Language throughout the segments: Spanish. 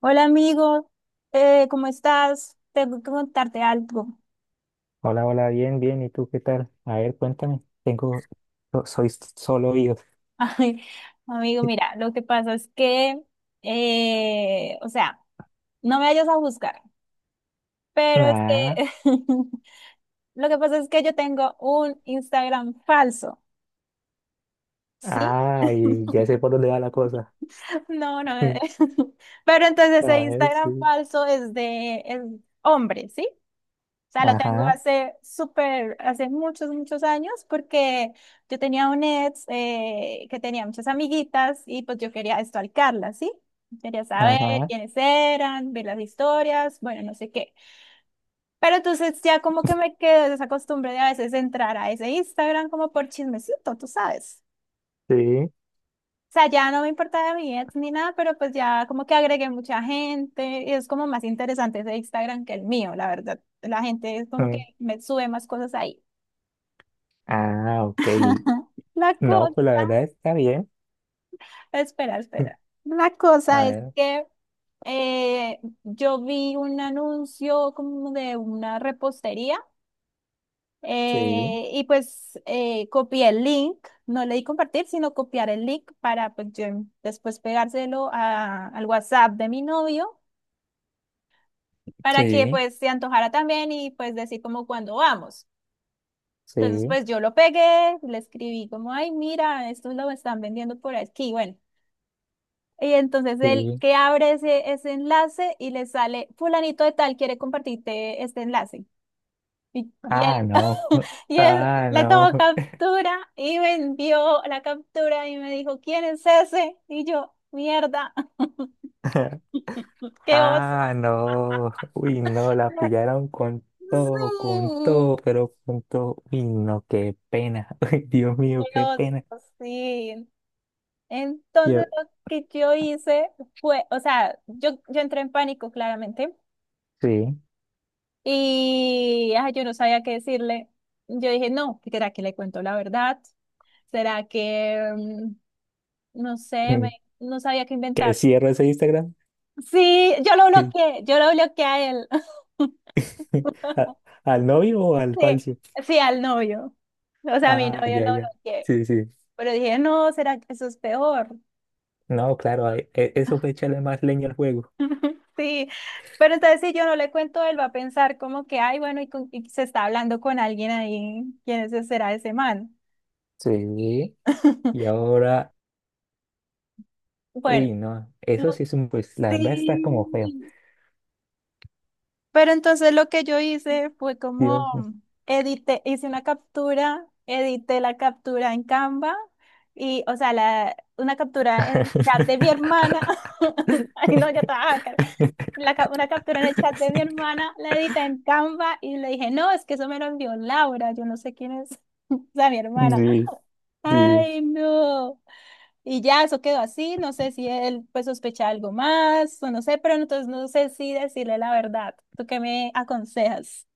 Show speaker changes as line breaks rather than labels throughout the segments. Hola amigo, ¿cómo estás? Tengo que contarte algo.
Hola, hola, bien, bien. ¿Y tú qué tal? A ver, cuéntame. Tengo, solo yo.
Ay, amigo, mira, lo que pasa es que, o sea, no me vayas a juzgar, pero es
Nah.
que lo que pasa es que yo tengo un Instagram falso, ¿sí?
Ay, ya sé por dónde va la cosa.
No, no, pero entonces ese
A ver,
Instagram
sí.
falso es de es hombre, ¿sí? O sea, lo tengo
Ajá,
hace súper, hace muchos, muchos años, porque yo tenía un ex que tenía muchas amiguitas y pues yo quería estalcarlas, ¿sí? Quería saber
ajá,
quiénes eran, ver las historias, bueno, no sé qué. Pero entonces ya como que me quedé de esa costumbre de a veces entrar a ese Instagram como por chismecito, tú sabes.
sí.
O sea, ya no me importaba mi ex ni nada, pero pues ya como que agregué mucha gente y es como más interesante ese Instagram que el mío, la verdad. La gente es como que
Mm.
me sube más cosas ahí.
Ah, ok.
La
No,
cosa,
pues la verdad está bien.
espera, espera. La
A
cosa es
ver,
que yo vi un anuncio como de una repostería
sí,
y pues copié el link, no le di compartir, sino copiar el link para pues yo después pegárselo al WhatsApp de mi novio para que
sí,
pues se antojara también y pues decir como cuándo vamos. Entonces
sí,
pues yo lo pegué, le escribí como, ay, mira, esto lo están vendiendo por aquí, bueno. Y entonces él
sí.
que abre ese enlace y le sale, fulanito de tal quiere compartirte este enlace. Y
Ah,
él,
no.
y él
Ah,
le tomó
no.
captura y me envió la captura y me dijo, ¿quién es ese? Y yo, mierda, qué oso.
Ah, no. Uy, no,
Sí,
la pillaron con todo, pero con todo. Uy, no, qué pena. Uy, Dios mío,
qué
qué
oso,
pena.
sí. Entonces
Yo,
lo que yo hice fue, o sea, yo entré en pánico claramente.
sí.
Y ay, yo no sabía qué decirle. Yo dije, no, ¿será que le cuento la verdad? ¿Será que, no sé,
mm,
no sabía qué
¿Que
inventar?
cierro ese Instagram?
Sí,
Sí.
yo lo bloqueé a él,
¿A- ¿Al novio o al
sí,
falso?
sí, al novio. O sea, a mi
Ah,
novio lo
ya, ya.
bloqueé.
Sí, sí.
Pero dije, no, ¿será que eso es peor?
No, claro, eso fue echarle más leña al juego.
Sí, pero entonces si yo no le cuento, él va a pensar como que, ay, bueno, y se está hablando con alguien ahí, ¿quién ese será ese man?
Sí. Y ahora,
Bueno,
uy, no. Eso
lo-
sí es un, pues, la verdad está como feo.
sí. Pero entonces lo que yo hice fue como
Dios mío.
edité, hice una captura, edité la captura en Canva y, o sea, una captura en el chat de mi hermana. Ay, no, ya estaba. Una captura en el chat de mi hermana, la edité en Canva y le dije, no, es que eso me lo envió Laura, yo no sé quién es, o sea, mi hermana.
Sí, sí,
Ay, no. Y ya, eso quedó así, no sé si él pues sospecha algo más, o no sé, pero entonces no sé si decirle la verdad. ¿Tú qué me aconsejas?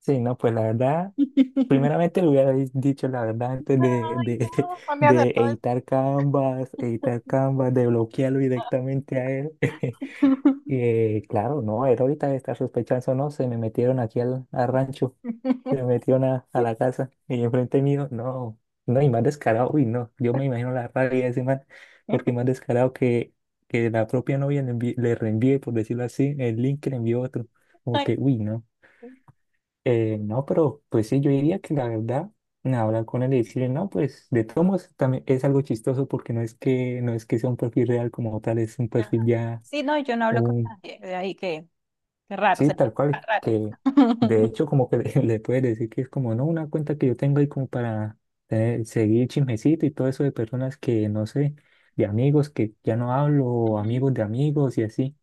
sí, no, pues la verdad, primeramente le hubiera dicho la verdad antes de,
Ay, no,
de,
no me
de
acertó
editar Canvas, de bloquearlo directamente a él.
esto.
Claro, no, él ahorita está sospechando, no, se me metieron aquí al rancho, se me metieron a la casa y enfrente mío, no, no, y más descarado, uy, no, yo me imagino la rabia de ese man, porque más descarado que la propia novia le reenvíe, por decirlo así, el link que le envió otro, como
Ay,
que, uy, no.
sí.
No, pero pues sí, yo diría que la verdad, nada, hablar con él y decirle, no, pues de todos modos también es algo chistoso porque no es que, no es que sea un perfil real como tal, es un perfil
Ajá.
ya,
Sí, no, yo no hablo con
un,
nadie, de ahí que, qué raro
sí,
sería,
tal
ah,
cual,
raro.
que de hecho como que le puedes decir que es como, no, una cuenta que yo tengo ahí como para seguir chismecito y todo eso de personas que, no sé, de amigos que ya no hablo, o
Ujú.
amigos de amigos y así.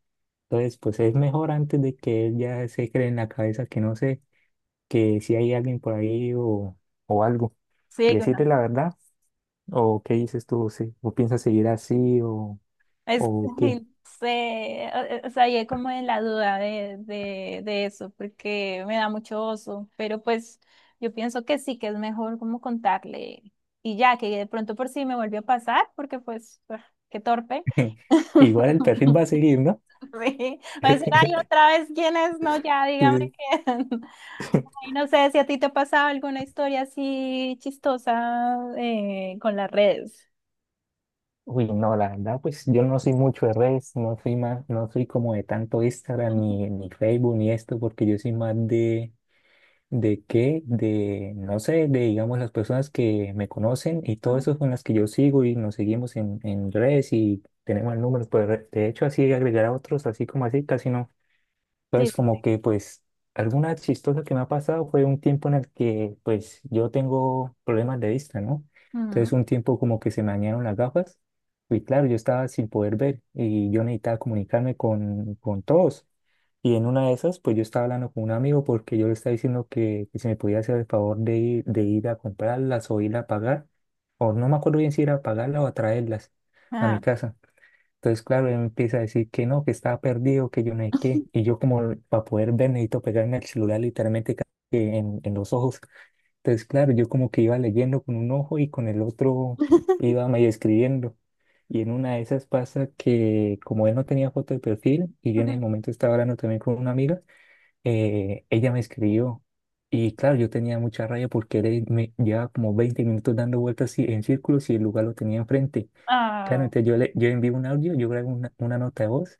Entonces, pues es mejor antes de que él ya se cree en la cabeza que no sé que si hay alguien por ahí o algo y
Sí, que
decirle la verdad o qué dices tú, si, o piensas seguir así
Es,
o qué.
sé, o sea, yo como en la duda de eso, porque me da mucho oso, pero pues yo pienso que sí, que es mejor como contarle y ya, que de pronto por sí me volvió a pasar, porque pues, ah, qué torpe.
Igual el perfil va a seguir, ¿no?
Sí, va a decir, ay, otra vez, ¿quién es? No, ya, dígame
Sí.
quién. Y no sé si a ti te ha pasado alguna historia así chistosa con las redes.
Uy, no, la verdad, pues yo no soy mucho de redes, no soy más, no soy como de tanto Instagram ni, ni Facebook ni esto, porque yo soy más de ¿De qué? De, no sé, de, digamos, las personas que me conocen y todo eso con las que yo sigo y nos seguimos en redes y tenemos el número, pues de hecho así agregar a otros, así como así, casi no.
Sí,
Entonces,
sí,
como
sí.
que pues alguna chistosa que me ha pasado fue un tiempo en el que pues yo tengo problemas de vista, ¿no? Entonces,
Ujú.
un tiempo como que se me dañaron las gafas y claro, yo estaba sin poder ver y yo necesitaba comunicarme con todos. Y en una de esas, pues yo estaba hablando con un amigo porque yo le estaba diciendo que si me podía hacer el favor de ir a comprarlas o ir a pagar, o no me acuerdo bien si ir a pagarlas o a traerlas a mi
Ajá.
casa. Entonces, claro, él me empieza a decir que no, que estaba perdido, que yo no sé qué. Y yo como para poder ver necesito pegarme el celular literalmente que en los ojos. Entonces, claro, yo como que iba leyendo con un ojo y con el otro iba medio escribiendo. Y en una de esas pasa que como él no tenía foto de perfil y yo en ese
Ujú.
momento estaba hablando también con una amiga, ella me escribió. Y claro, yo tenía mucha rabia porque él me llevaba como 20 minutos dando vueltas así en círculos y el lugar lo tenía enfrente. Claro,
Ah,
entonces yo le yo envío un audio, yo grabo una nota de voz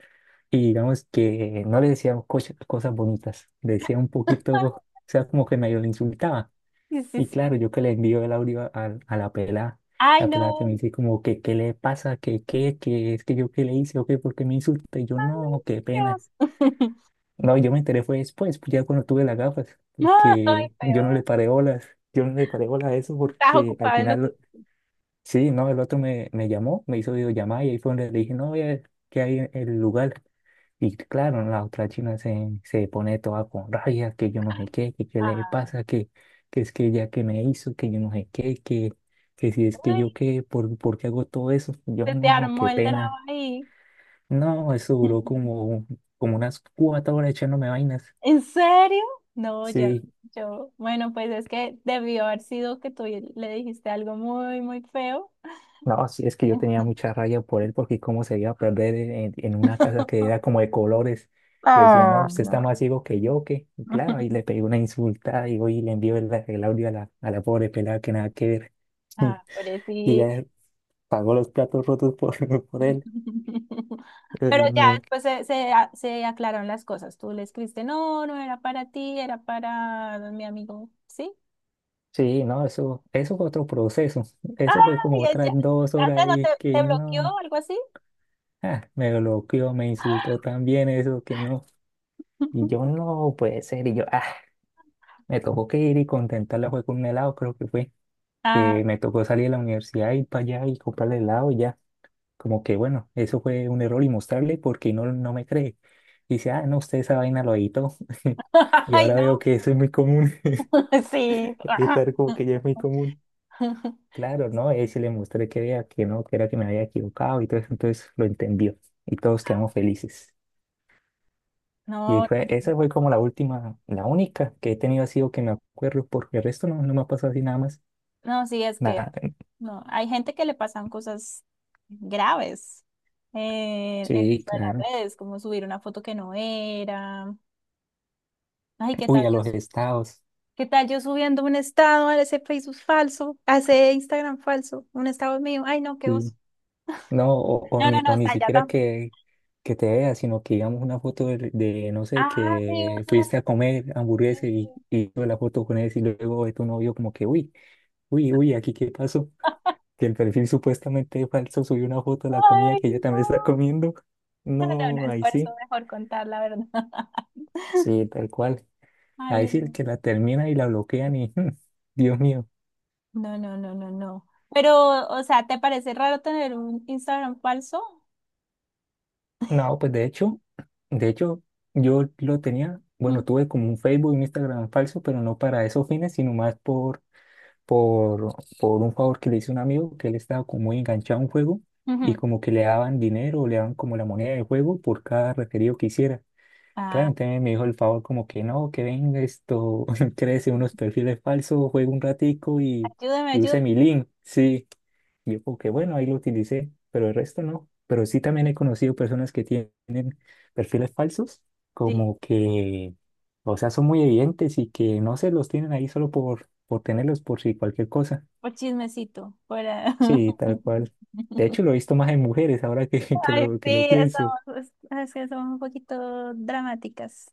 y digamos que no le decía cosas, cosas bonitas, le decía un poquito, o sea, como que medio le insultaba.
sí, sí,
Y claro,
sí.
yo que le envío el audio a
Ay,
la pelada que me
no.
dice como que qué le pasa, que qué, que es que yo qué le hice o qué, por qué me insulta. Y yo no, qué pena.
Dios.
No, yo me enteré fue después, pues ya cuando tuve las gafas,
Ay,
porque yo no
peor.
le paré bolas, yo no le paré bolas a eso
Estás
porque al
ocupado en lo tuyo.
final sí, no, el otro me, me llamó, me hizo videollamada y ahí fue donde le dije, no, que ¿qué hay en el lugar? Y claro, la otra china se, se pone toda con rabia, que yo no sé qué, que qué le
Ah.
pasa, que es que ella que me hizo, que yo no sé qué, que si es que yo
Ay,
qué, por qué hago todo eso. Yo
se te
no,
armó
qué
el
pena.
drama ahí.
No, eso duró como, como unas 4 horas echándome vainas.
¿En serio? No, ya,
Sí.
yo, bueno, pues es que debió haber sido que tú le dijiste algo muy, muy feo.
No, sí, es que yo tenía mucha rabia por él porque cómo se iba a perder en una casa que era como de colores. Y decía, no,
Ah,
usted
no.
está más ciego que yo, que y claro, ahí le pegué una insulta y hoy le envió el audio a la pobre pelada que nada que ver.
Ah,
Y
sí.
ya pagó los platos rotos por, por él. Ay,
Pero ya
no.
después se aclararon las cosas. Tú le escribiste, no, no era para ti, era para mi amigo, ¿sí?
Sí, no, eso fue otro proceso.
Ay,
Eso fue como
ya, ya.
otras 2 horas
¿Antes no
y que
te bloqueó
no.
o algo así?
Ah, me bloqueó, me insultó también eso que no. Y yo no puede ser. Y yo, ah. Me tocó que ir y contentarla fue con un helado, creo que fue,
Ah,
que me tocó salir de la universidad, ir para allá y comprarle helado y ya. Como que bueno, eso fue un error y mostrarle porque no, no me cree. Dice, ah, no, usted esa vaina lo editó. Y
ay,
ahora
no.
veo que eso es muy común,
Sí. Ajá.
estar como que ya es muy común. Claro, ¿no? Y ahí sí le mostré que vea que no, que era que me había equivocado y todo eso, entonces lo entendió y todos quedamos felices. Y
No,
fue, esa fue como la última, la única que he tenido así o que me acuerdo, porque el resto no, no me ha pasado así nada más.
no, sí, es que
Nada,
no, hay gente que le pasan cosas graves en
sí,
esto de las
claro.
redes, como subir una foto que no era. Ay,
Uy, a los estados.
qué tal yo subiendo un estado a ese Facebook falso, a ese Instagram falso, un estado mío. Ay, no, qué oso.
Sí. No,
No, no, no,
o ni
está ya
siquiera
tampoco.
que te veas, sino que digamos una foto de, no sé,
Ah, sí,
que
uno,
fuiste a comer
sí,
hamburguesa
sí.
y tuve la foto con él y luego de tu novio como que, uy, uy, uy, aquí qué pasó. Que el perfil supuestamente falso subió una foto de la comida
Ay,
que ella
no.
también está comiendo.
No, no, no,
No,
es
ahí
por eso
sí.
mejor contar la verdad.
Sí, tal cual. Ahí
Ay,
sí el
no.
que la termina y la bloquean y, Dios mío.
No, no, no, no, no. Pero, o sea, ¿te parece raro tener un Instagram falso?
No, pues de hecho, yo lo tenía, bueno,
Ujú,
tuve como un Facebook y un Instagram falso, pero no para esos fines, sino más por, por un favor que le hice a un amigo, que él estaba como muy enganchado a un juego y
ujú.
como que le daban dinero, le daban como la moneda del juego por cada referido que hiciera. Claro,
Ah,
entonces me dijo el favor como que no, que venga esto, créese unos perfiles falsos, juegue un ratico
ayúdame,
y
ayúdame.
use mi link. Sí, y yo como que bueno, ahí lo utilicé, pero el resto no. Pero sí también he conocido personas que tienen perfiles falsos,
Sí.
como que, o sea, son muy evidentes y que no se los tienen ahí solo por tenerlos por si cualquier cosa.
Por chismecito, por... ah.
Sí, tal cual. De hecho, lo he visto más en mujeres ahora que,
Ay,
que lo
sí,
pienso.
estamos, es que somos un poquito dramáticas,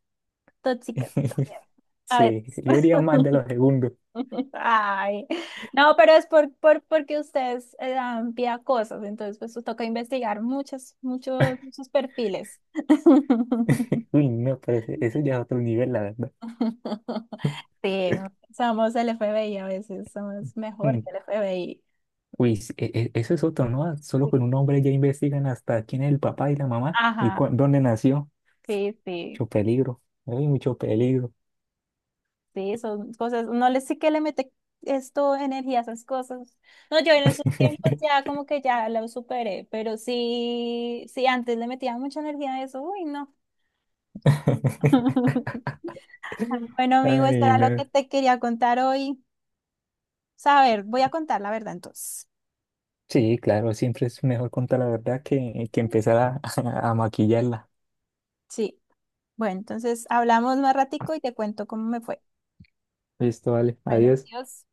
tóxicas también. A
Sí,
veces.
yo diría más de los segundos.
Ay, no, pero es porque ustedes dan pie a cosas, entonces pues os toca investigar muchos, muchos, muchos perfiles.
Uy, no, pero eso ya es otro nivel, la verdad.
Sí, somos el FBI a veces, somos mejor
Mm.
que el FBI.
Uy, eso es otro, ¿no? Solo
Sí.
con un hombre ya investigan hasta quién es el papá y la mamá y
Ajá,
dónde nació.
sí, sí,
Mucho peligro. Hay mucho peligro.
sí, son cosas, no le sí que le mete esto, energía a esas cosas. No, yo en esos tiempos ya como que ya lo superé, pero sí, sí, antes le metía mucha energía a eso, uy, no. Bueno, amigo, esto
Ay,
era lo que
no.
te quería contar hoy. Saber, voy a contar la verdad entonces.
Sí, claro, siempre es mejor contar la verdad que empezar a, a maquillarla.
Sí, bueno, entonces hablamos más ratico y te cuento cómo me fue.
Listo, vale.
Bueno,
Adiós.
adiós.